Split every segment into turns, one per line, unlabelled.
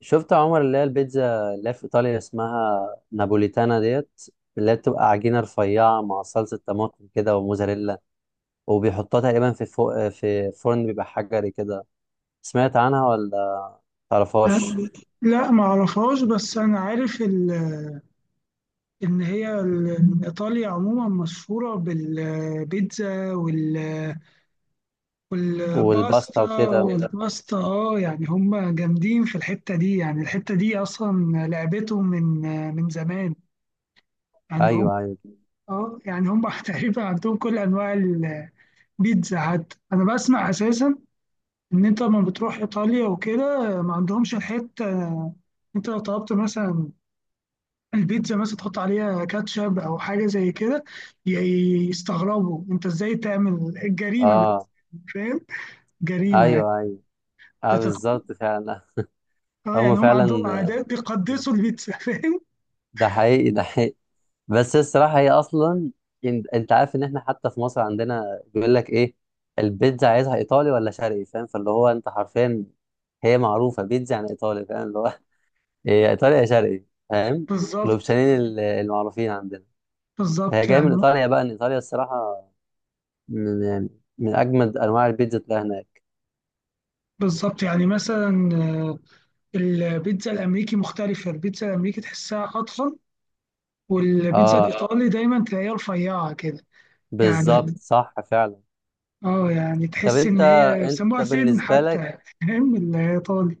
شفت يا عمر، اللي هي البيتزا اللي هي في ايطاليا اسمها نابوليتانا ديت، اللي هي بتبقى عجينه رفيعه مع صلصه طماطم كده وموزاريلا، وبيحطوها تقريبا فوق في فرن بيبقى حجري كده. سمعت عنها ولا تعرفهاش؟
لا، ما اعرفهاش. بس انا عارف ان هي إن ايطاليا عموما مشهوره بالبيتزا وال
والباستا
والباستا
وكده.
والباستا يعني هم جامدين في الحته دي. يعني الحته دي اصلا لعبتهم من زمان. يعني هم
ايوه ايوه.
اه يعني هم تقريبا عندهم كل انواع البيتزا. حتى انا بسمع اساسا ان انت لما بتروح ايطاليا وكده ما عندهمش الحته. انت لو طلبت مثلا البيتزا مثلا تحط عليها كاتشب او حاجه زي كده، يستغربوا انت ازاي تعمل الجريمه بالنسبة
اه.
لهم، فاهم؟ جريمه يعني
ايوه ايوه. اه
انت تاكل.
بالظبط فعلا.
اه
هم
يعني هم
فعلا.
عندهم عادات بيقدسوا البيتزا فاهم؟
ده حقيقي ده حقيقي. بس الصراحة هي أصلا، أنت عارف إن إحنا حتى في مصر عندنا بيقول لك إيه؟ البيتزا عايزها إيطالي ولا شرقي؟ فاهم؟ فاللي هو أنت حرفيا هي معروفة بيتزا، يعني إيطالي، فاهم؟ اللي هو إيه، إيطالي يا شرقي، فاهم؟
بالظبط،
الأوبشنين المعروفين عندنا. هي
بالظبط.
جاية من
يعني
إيطاليا بقى، إن إيطاليا الصراحة من، يعني من أجمد أنواع البيتزا تلاقيها هناك.
مثلا البيتزا الامريكي مختلفه. البيتزا الامريكي تحسها اطول، والبيتزا
آه
الايطالي دايما تلاقيها رفيعه كده.
بالظبط،
يعني
صح فعلا.
اه يعني
طب
تحس
أنت،
ان هي
أنت
بيسموها سن
بالنسبة لك،
حتى فاهم؟ الايطالي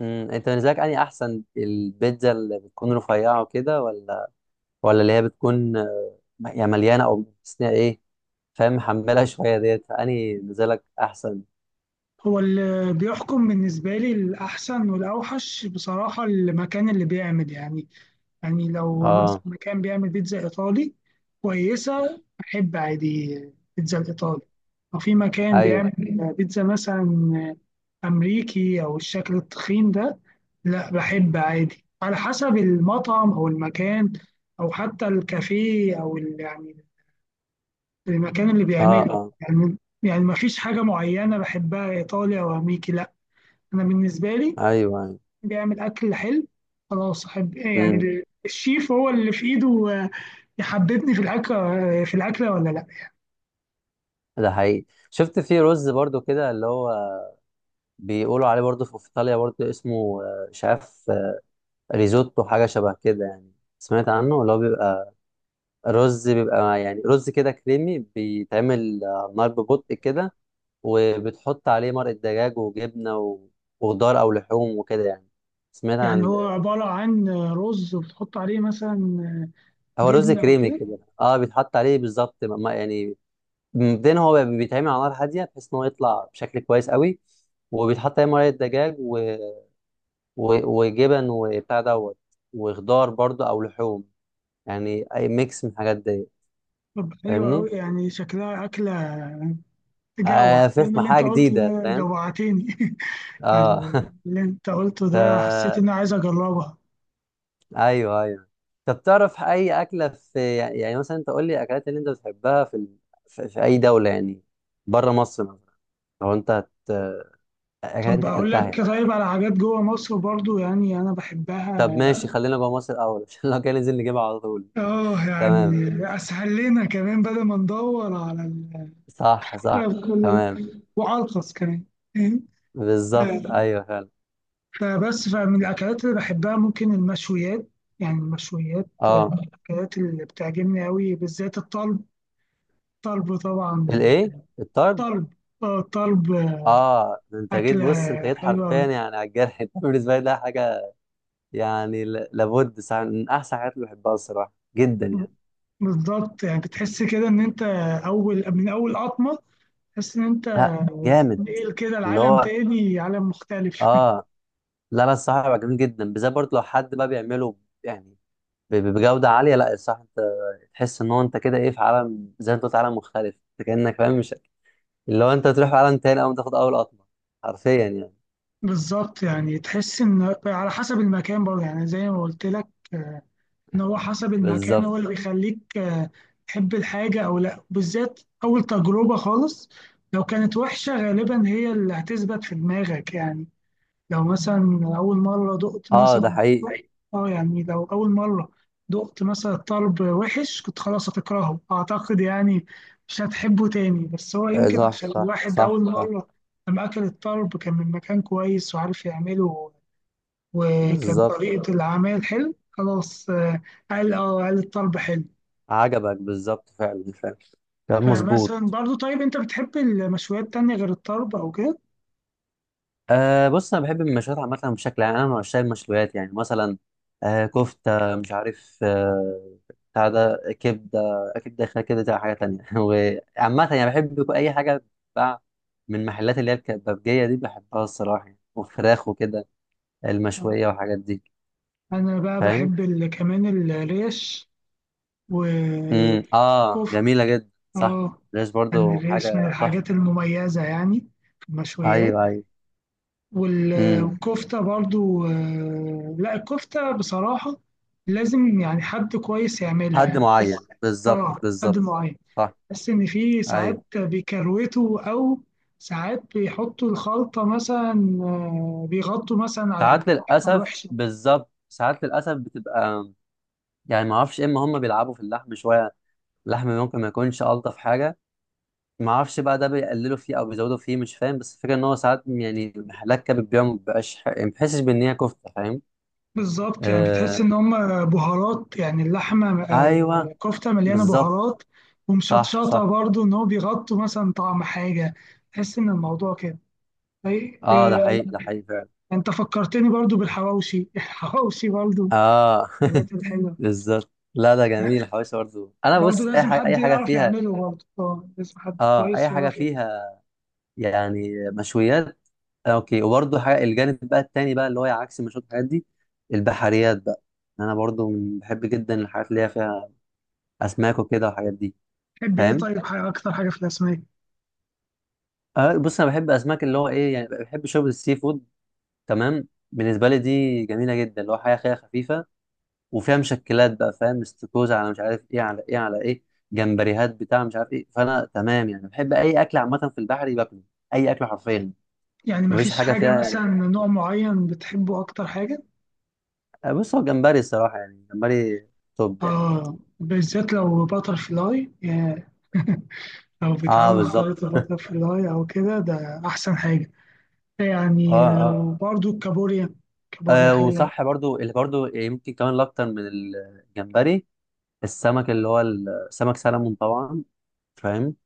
أنت بالنسبة لك أنهي أحسن؟ البيتزا اللي بتكون رفيعة وكده، ولا ولا اللي هي بتكون، يعني مليانه او بس ايه؟ فاهم؟ محملها شويه ديت، فاني نزلك احسن.
هو اللي بيحكم بالنسبة لي الأحسن والأوحش بصراحة، المكان اللي بيعمل. يعني لو مثلا
اه
مكان بيعمل بيتزا إيطالي كويسة أحب عادي بيتزا الإيطالي. لو في مكان بيعمل
ايوه.
بيتزا مثلا أمريكي أو الشكل التخين ده، لا، بحب عادي على حسب المطعم أو المكان أو حتى الكافيه أو يعني المكان اللي
اه
بيعمله
اه.
يعني. يعني مفيش حاجة معينة بحبها إيطالي أو أمريكي. لا، انا بالنسبه لي
ايوه ايوه.
بيعمل اكل حلو خلاص احب. يعني
امم
الشيف هو اللي في ايده آه، يحببني في الاكل، في الاكله ولا لا.
ده حقيقي. شفت في رز برضو كده، اللي هو بيقولوا عليه برضو في ايطاليا، برضو اسمه مش عارف، ريزوتو، حاجه شبه كده يعني. سمعت عنه؟ اللي هو بيبقى رز، بيبقى يعني رز كده كريمي، بيتعمل نار ببطء كده، وبتحط عليه مرقه دجاج وجبنه وخضار او لحوم وكده يعني. سمعت
يعني
عن.
هو عباره عن رز وتحط عليه مثلا آه،
هو رز
جبنه
كريمي
وكده.
كده، اه بيتحط عليه بالظبط، يعني مبدئيا هو بيتعمل على نار هاديه، بحيث ان هو يطلع بشكل كويس قوي، وبيتحط عليه مرقه دجاج، و... و... وجبن وبتاع دوت، وخضار برضو او لحوم، يعني اي ميكس من الحاجات دي.
طب حلو قوي،
فاهمني؟
يعني شكلها اكله تجوع.
آه
فاهم
فخمه،
اللي انت
حاجه
قلته
جديده،
ده
فاهم؟
جوعتني
اه.
يعني اللي انت قلته ده حسيت
ف...
اني عايز اجربها.
ايوه ايوه. طب تعرف اي اكله في، يعني مثلا انت قول لي اكلات اللي انت بتحبها، في ال... في... في اي دوله يعني، بره مصر مثلا، لو انت، هت... اكلات
طب
انت
اقول
اكلتها
لك
يعني.
طيب على حاجات جوه مصر برضو يعني انا بحبها.
طب ماشي، خلينا جوه مصر الاول، عشان لو كان ننزل نجيبها على طول.
اه يعني
تمام.
اسهل لنا كمان بدل ما ندور على
صح صح.
على كل
تمام.
وارخص كمان، فاهم؟
بالظبط ايوه فعلا.
فبس فمن الاكلات اللي بحبها ممكن المشويات. يعني المشويات من
اه.
الاكلات اللي بتعجبني قوي، بالذات الطلب. الطلب طبعا.
الايه؟ الطرد؟
طلب. اه الطلب
اه ده انت جيت،
اكله
بص انت جيت حرفيا
حلوه.
يعني على الجرح. انت بالنسبه لي ده حاجه يعني لابد صح من احسن حاجات اللي بحبها الصراحه، جدا يعني.
بالظبط، يعني بتحس كده ان انت اول من اول قطمه تحس ان انت
لا جامد.
بتنقل كده
اللي
العالم
هو
تاني، عالم مختلف.
اه. لا لا، الصراحه بيبقى جميل جدا، بالذات برضه لو حد بقى بيعمله يعني بجوده عاليه. لا الصراحه انت تحس ان هو انت كده ايه، في عالم، زي ما انت قلت، عالم مختلف، انت كانك فاهم مش، اللي هو انت تروح عالم تاني اول ما تاخد اول قطمه، حرفيا يعني.
بالظبط، يعني تحس ان على حسب المكان برضه يعني زي ما قلت لك. آه، ان هو حسب المكان
بالظبط.
هو اللي بيخليك تحب الحاجه او لا، بالذات اول تجربه خالص. لو كانت وحشه غالبا هي اللي هتثبت في دماغك يعني. لو مثلا أول مرة دقت
اه ده
مثلا
حقيقي.
اه يعني لو أول مرة دقت مثلا طرب وحش، كنت خلاص هتكرهه أعتقد. يعني مش هتحبه تاني. بس هو
آه،
يمكن
صح
عشان
صح
الواحد أول
صح صح.
مرة لما أكل الطرب كان من مكان كويس وعارف يعمله وكانت
بالظبط.
طريقة العمل حلو خلاص. قال الطرب حلو.
عجبك بالظبط، فعلا فعلا. كلام
فمثلا
مظبوط.
برضو، طيب أنت بتحب المشويات تانية غير الطرب أو كده؟
آه بص انا بحب المشويات عامه، بشكل عام انا من عشاق المشويات. يعني مثلا آه كفته، مش عارف آه، بتاع ده، كبده اكيد داخله كده، ده حاجه تانية. وعامه يعني بحب اي حاجه بتتباع من المحلات اللي هي الكبابجيه دي، بحبها الصراحه يعني. وفراخ وكده المشويه والحاجات دي،
أنا بقى
فاهم.
بحب كمان الريش
اه،
وكفتة.
جميله جدا، صح.
اه
ليش
يعني
برضو
الريش من
حاجه تحفه.
الحاجات المميزة يعني في المشويات.
ايوه ايوه. امم
والكفتة برضو لا، الكفتة بصراحة لازم يعني حد كويس يعملها
حد
يعني. بس
معين، بالظبط
اه حد
بالظبط.
معين.
صح.
بس ان في
ايوه.
ساعات بيكروتوا او ساعات بيحطوا الخلطة مثلا بيغطوا مثلا على
ساعات
اللحمة
للاسف،
الوحشة.
بالظبط، ساعات للاسف بتبقى يعني، ما اعرفش اما هم بيلعبوا في اللحم شويه، اللحم ممكن ما يكونش الطف حاجه، ما اعرفش بقى ده بيقللوا فيه او بيزودوا فيه، مش فاهم. بس الفكره ان هو ساعات يعني محلات كبد بيبيعوا، ما بيبقاش يعني ما بحسش بان هي كفته، فاهم؟
بالظبط، يعني بتحس
آه.
ان هم بهارات، يعني اللحمه
ايوه
الكفته مليانه
بالظبط.
بهارات
صح
ومشطشطه
صح.
برضو ان هو بيغطوا مثلا طعم حاجه. تحس ان الموضوع كده أي-
اه ده
آه،
حقيقي ده حقيقي فعلا.
انت فكرتني برضو بالحواوشي الحواوشي برضو
اه.
الحاجات الحلوه.
بالظبط، لا ده
لا،
جميل، الحواوشي برضه، انا
برضو
بص اي
لازم
حاجه،
حد
اي حاجه
يعرف
فيها.
يعمله برضو. اه لازم حد
اه
كويس
اي حاجه
يعرف يعمله.
فيها، يعني مشويات. اوكي. وبرضه حاجه، الجانب بقى التاني بقى، اللي هو عكس المشويات، الحاجات دي البحريات بقى، انا برضه بحب جدا الحاجات اللي هي فيها اسماك وكده والحاجات دي،
تحب ايه
فاهم؟
طيب، حاجه اكتر حاجه في الاسماك؟
آه بص انا بحب اسماك، اللي هو ايه يعني، بحب شوربه السي فود، تمام. بالنسبه لي دي جميله جدا، اللي هو حاجه خفيفه وفيها مشكلات بقى، فاهم؟ استكوزة على مش عارف ايه، على ايه على ايه، جمبريهات بتاع مش عارف ايه. فانا تمام يعني، بحب اي اكل عامه في البحر باكله، اي اكل حرفيا.
يعني
مفيش
مفيش
حاجه
حاجه
فيها يعني.
مثلا نوع معين بتحبه اكتر حاجه؟
بص هو جمبري الصراحه، يعني جمبري توب يعني.
اه، بالذات لو باتر فلاي. لو
اه
بيتعمل
بالظبط.
سلطة باترفلاي أو كده ده أحسن حاجة.
اه
يعني
اه.
وبرضو الكابوريا. كابوريا حلوة.
وصح برضو، اللي برضو يمكن كمان الاكتر من الجمبري، السمك، اللي هو السمك سلمون طبعا، فاهم؟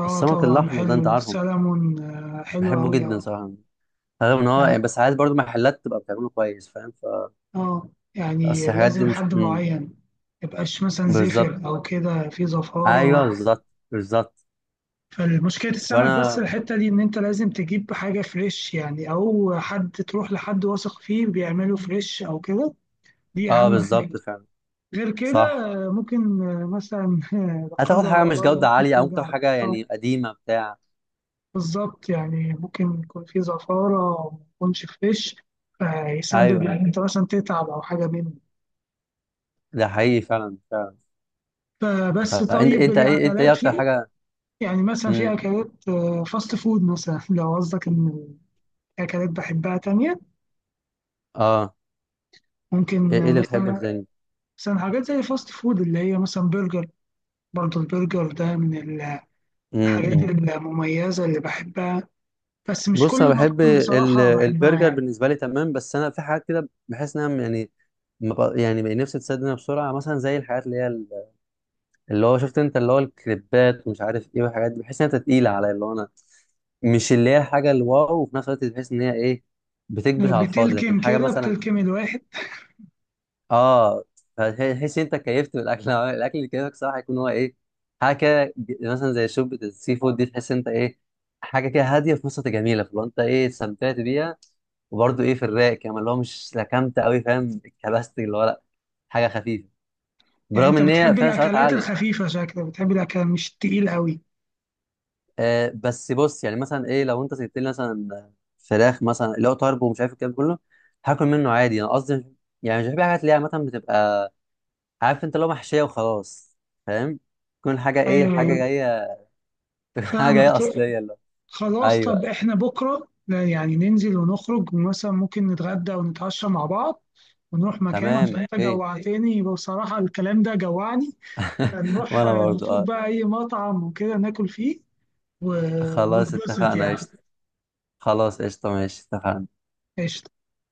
اه
السمك
طبعا،
الاحمر ده، انت
حلو
عارفه،
سلمون، حلو
بحبه
أوي،
جدا
اه.
صراحه، رغم ان هو
يعني
يعني، بس عايز برضو محلات تبقى بتعمله كويس، فاهم؟
اه
اصل
يعني
الحاجات دي
لازم
مش،
حد معين، ميبقاش مثلا زفر
بالظبط.
أو كده، في
ايوه
زفارة.
بالظبط بالظبط.
فالمشكلة السمك بس
فانا.
الحتة دي إن أنت لازم تجيب حاجة فريش يعني، أو حد تروح لحد واثق فيه بيعمله فريش أو كده. دي
اه
أهم حاجة.
بالظبط فعلا.
غير
صح.
كده ممكن مثلا لا
هتاخد
قدر
حاجه مش
الله
جوده
ممكن
عاليه، او ممكن تاخد
ترجع.
حاجه يعني قديمه بتاع.
بالظبط، يعني ممكن يكون في زفارة أو ما يكونش فريش، فيسبب
ايوه.
إن أنت مثلا تتعب أو حاجة منه.
ده حقيقي فعلا فعلا.
فبس
فانت
طيب
انت ايه، انت ايه
الأكلات
اكتر
في،
حاجه؟
يعني مثلا في
امم
أكلات فاست فود مثلا لو قصدك إن أكلات بحبها تانية،
اه. ايه،
ممكن
إيه اللي بتحبه أنت
مثلا،
تاني؟
حاجات زي فاست فود اللي هي مثلا برجر. برضه البرجر ده من الحاجات
امم
المميزة اللي بحبها، بس مش
بص
كل
انا بحب
المطاعم
ال...
بصراحة بحبها
البرجر،
يعني.
بالنسبه لي تمام، بس انا في حاجات كده بحس انها يعني ما بق- يعني بقى نفسي تسد منها بسرعه، مثلا زي الحاجات اللي هي، اللي هو شفت انت، اللي هو الكليبات ومش عارف ايه والحاجات دي، بحس ان انت تقيله عليا، اللي هو انا مش، اللي هي الحاجه الواو، وفي نفس الوقت تحس ان هي ايه، بتكبس على الفاضي. لكن
بتلكم
حاجه
كده،
مثلا،
بتلكم الواحد.
اه، تحس انت كيفت بالاكل، الاكل اللي كيفك صراحه يكون هو ايه، حاجه كده مثلا زي شوربه السي فود دي، تحس انت ايه، حاجه كده هاديه، في نفس الوقت جميله، فلو انت ايه استمتعت بيها، وبرده ايه في الرايق كمان، اللي هو مش لكمت قوي، فاهم، اتكبست اللي هو، لا، حاجه خفيفه،
يعني
برغم
انت
ان هي
بتحب
فيها سعرات
الاكلات
عاليه.
الخفيفة شكلك، بتحب الاكل مش تقيل قوي.
آه بس بص يعني مثلا ايه، لو انت سبت لي مثلا فراخ مثلا، اللي هو طرب ومش عارف الكلام ده كله، هاكل منه عادي، انا قصدي يعني مش بحب حاجات اللي هي عامه بتبقى، عارف انت لو محشيه وخلاص، فاهم؟ تكون حاجه ايه، الحاجه
ايوه،
جايه، حاجه
فاهمك.
جايه اصليه اللي هو.
خلاص، طب
ايوه.
احنا بكرة، لا يعني ننزل ونخرج مثلا، ممكن نتغدى ونتعشى مع بعض ونروح مكان،
تمام
عشان انت
اوكي.
جوعتني بصراحة، الكلام ده جوعني. فنروح
وانا برضو
نشوف
اه.
بقى اي مطعم وكده ناكل فيه
خلاص
ونتبسط
اتفقنا
يعني.
قشطه. خلاص قشطه، ماشي اتفقنا.
قشطة.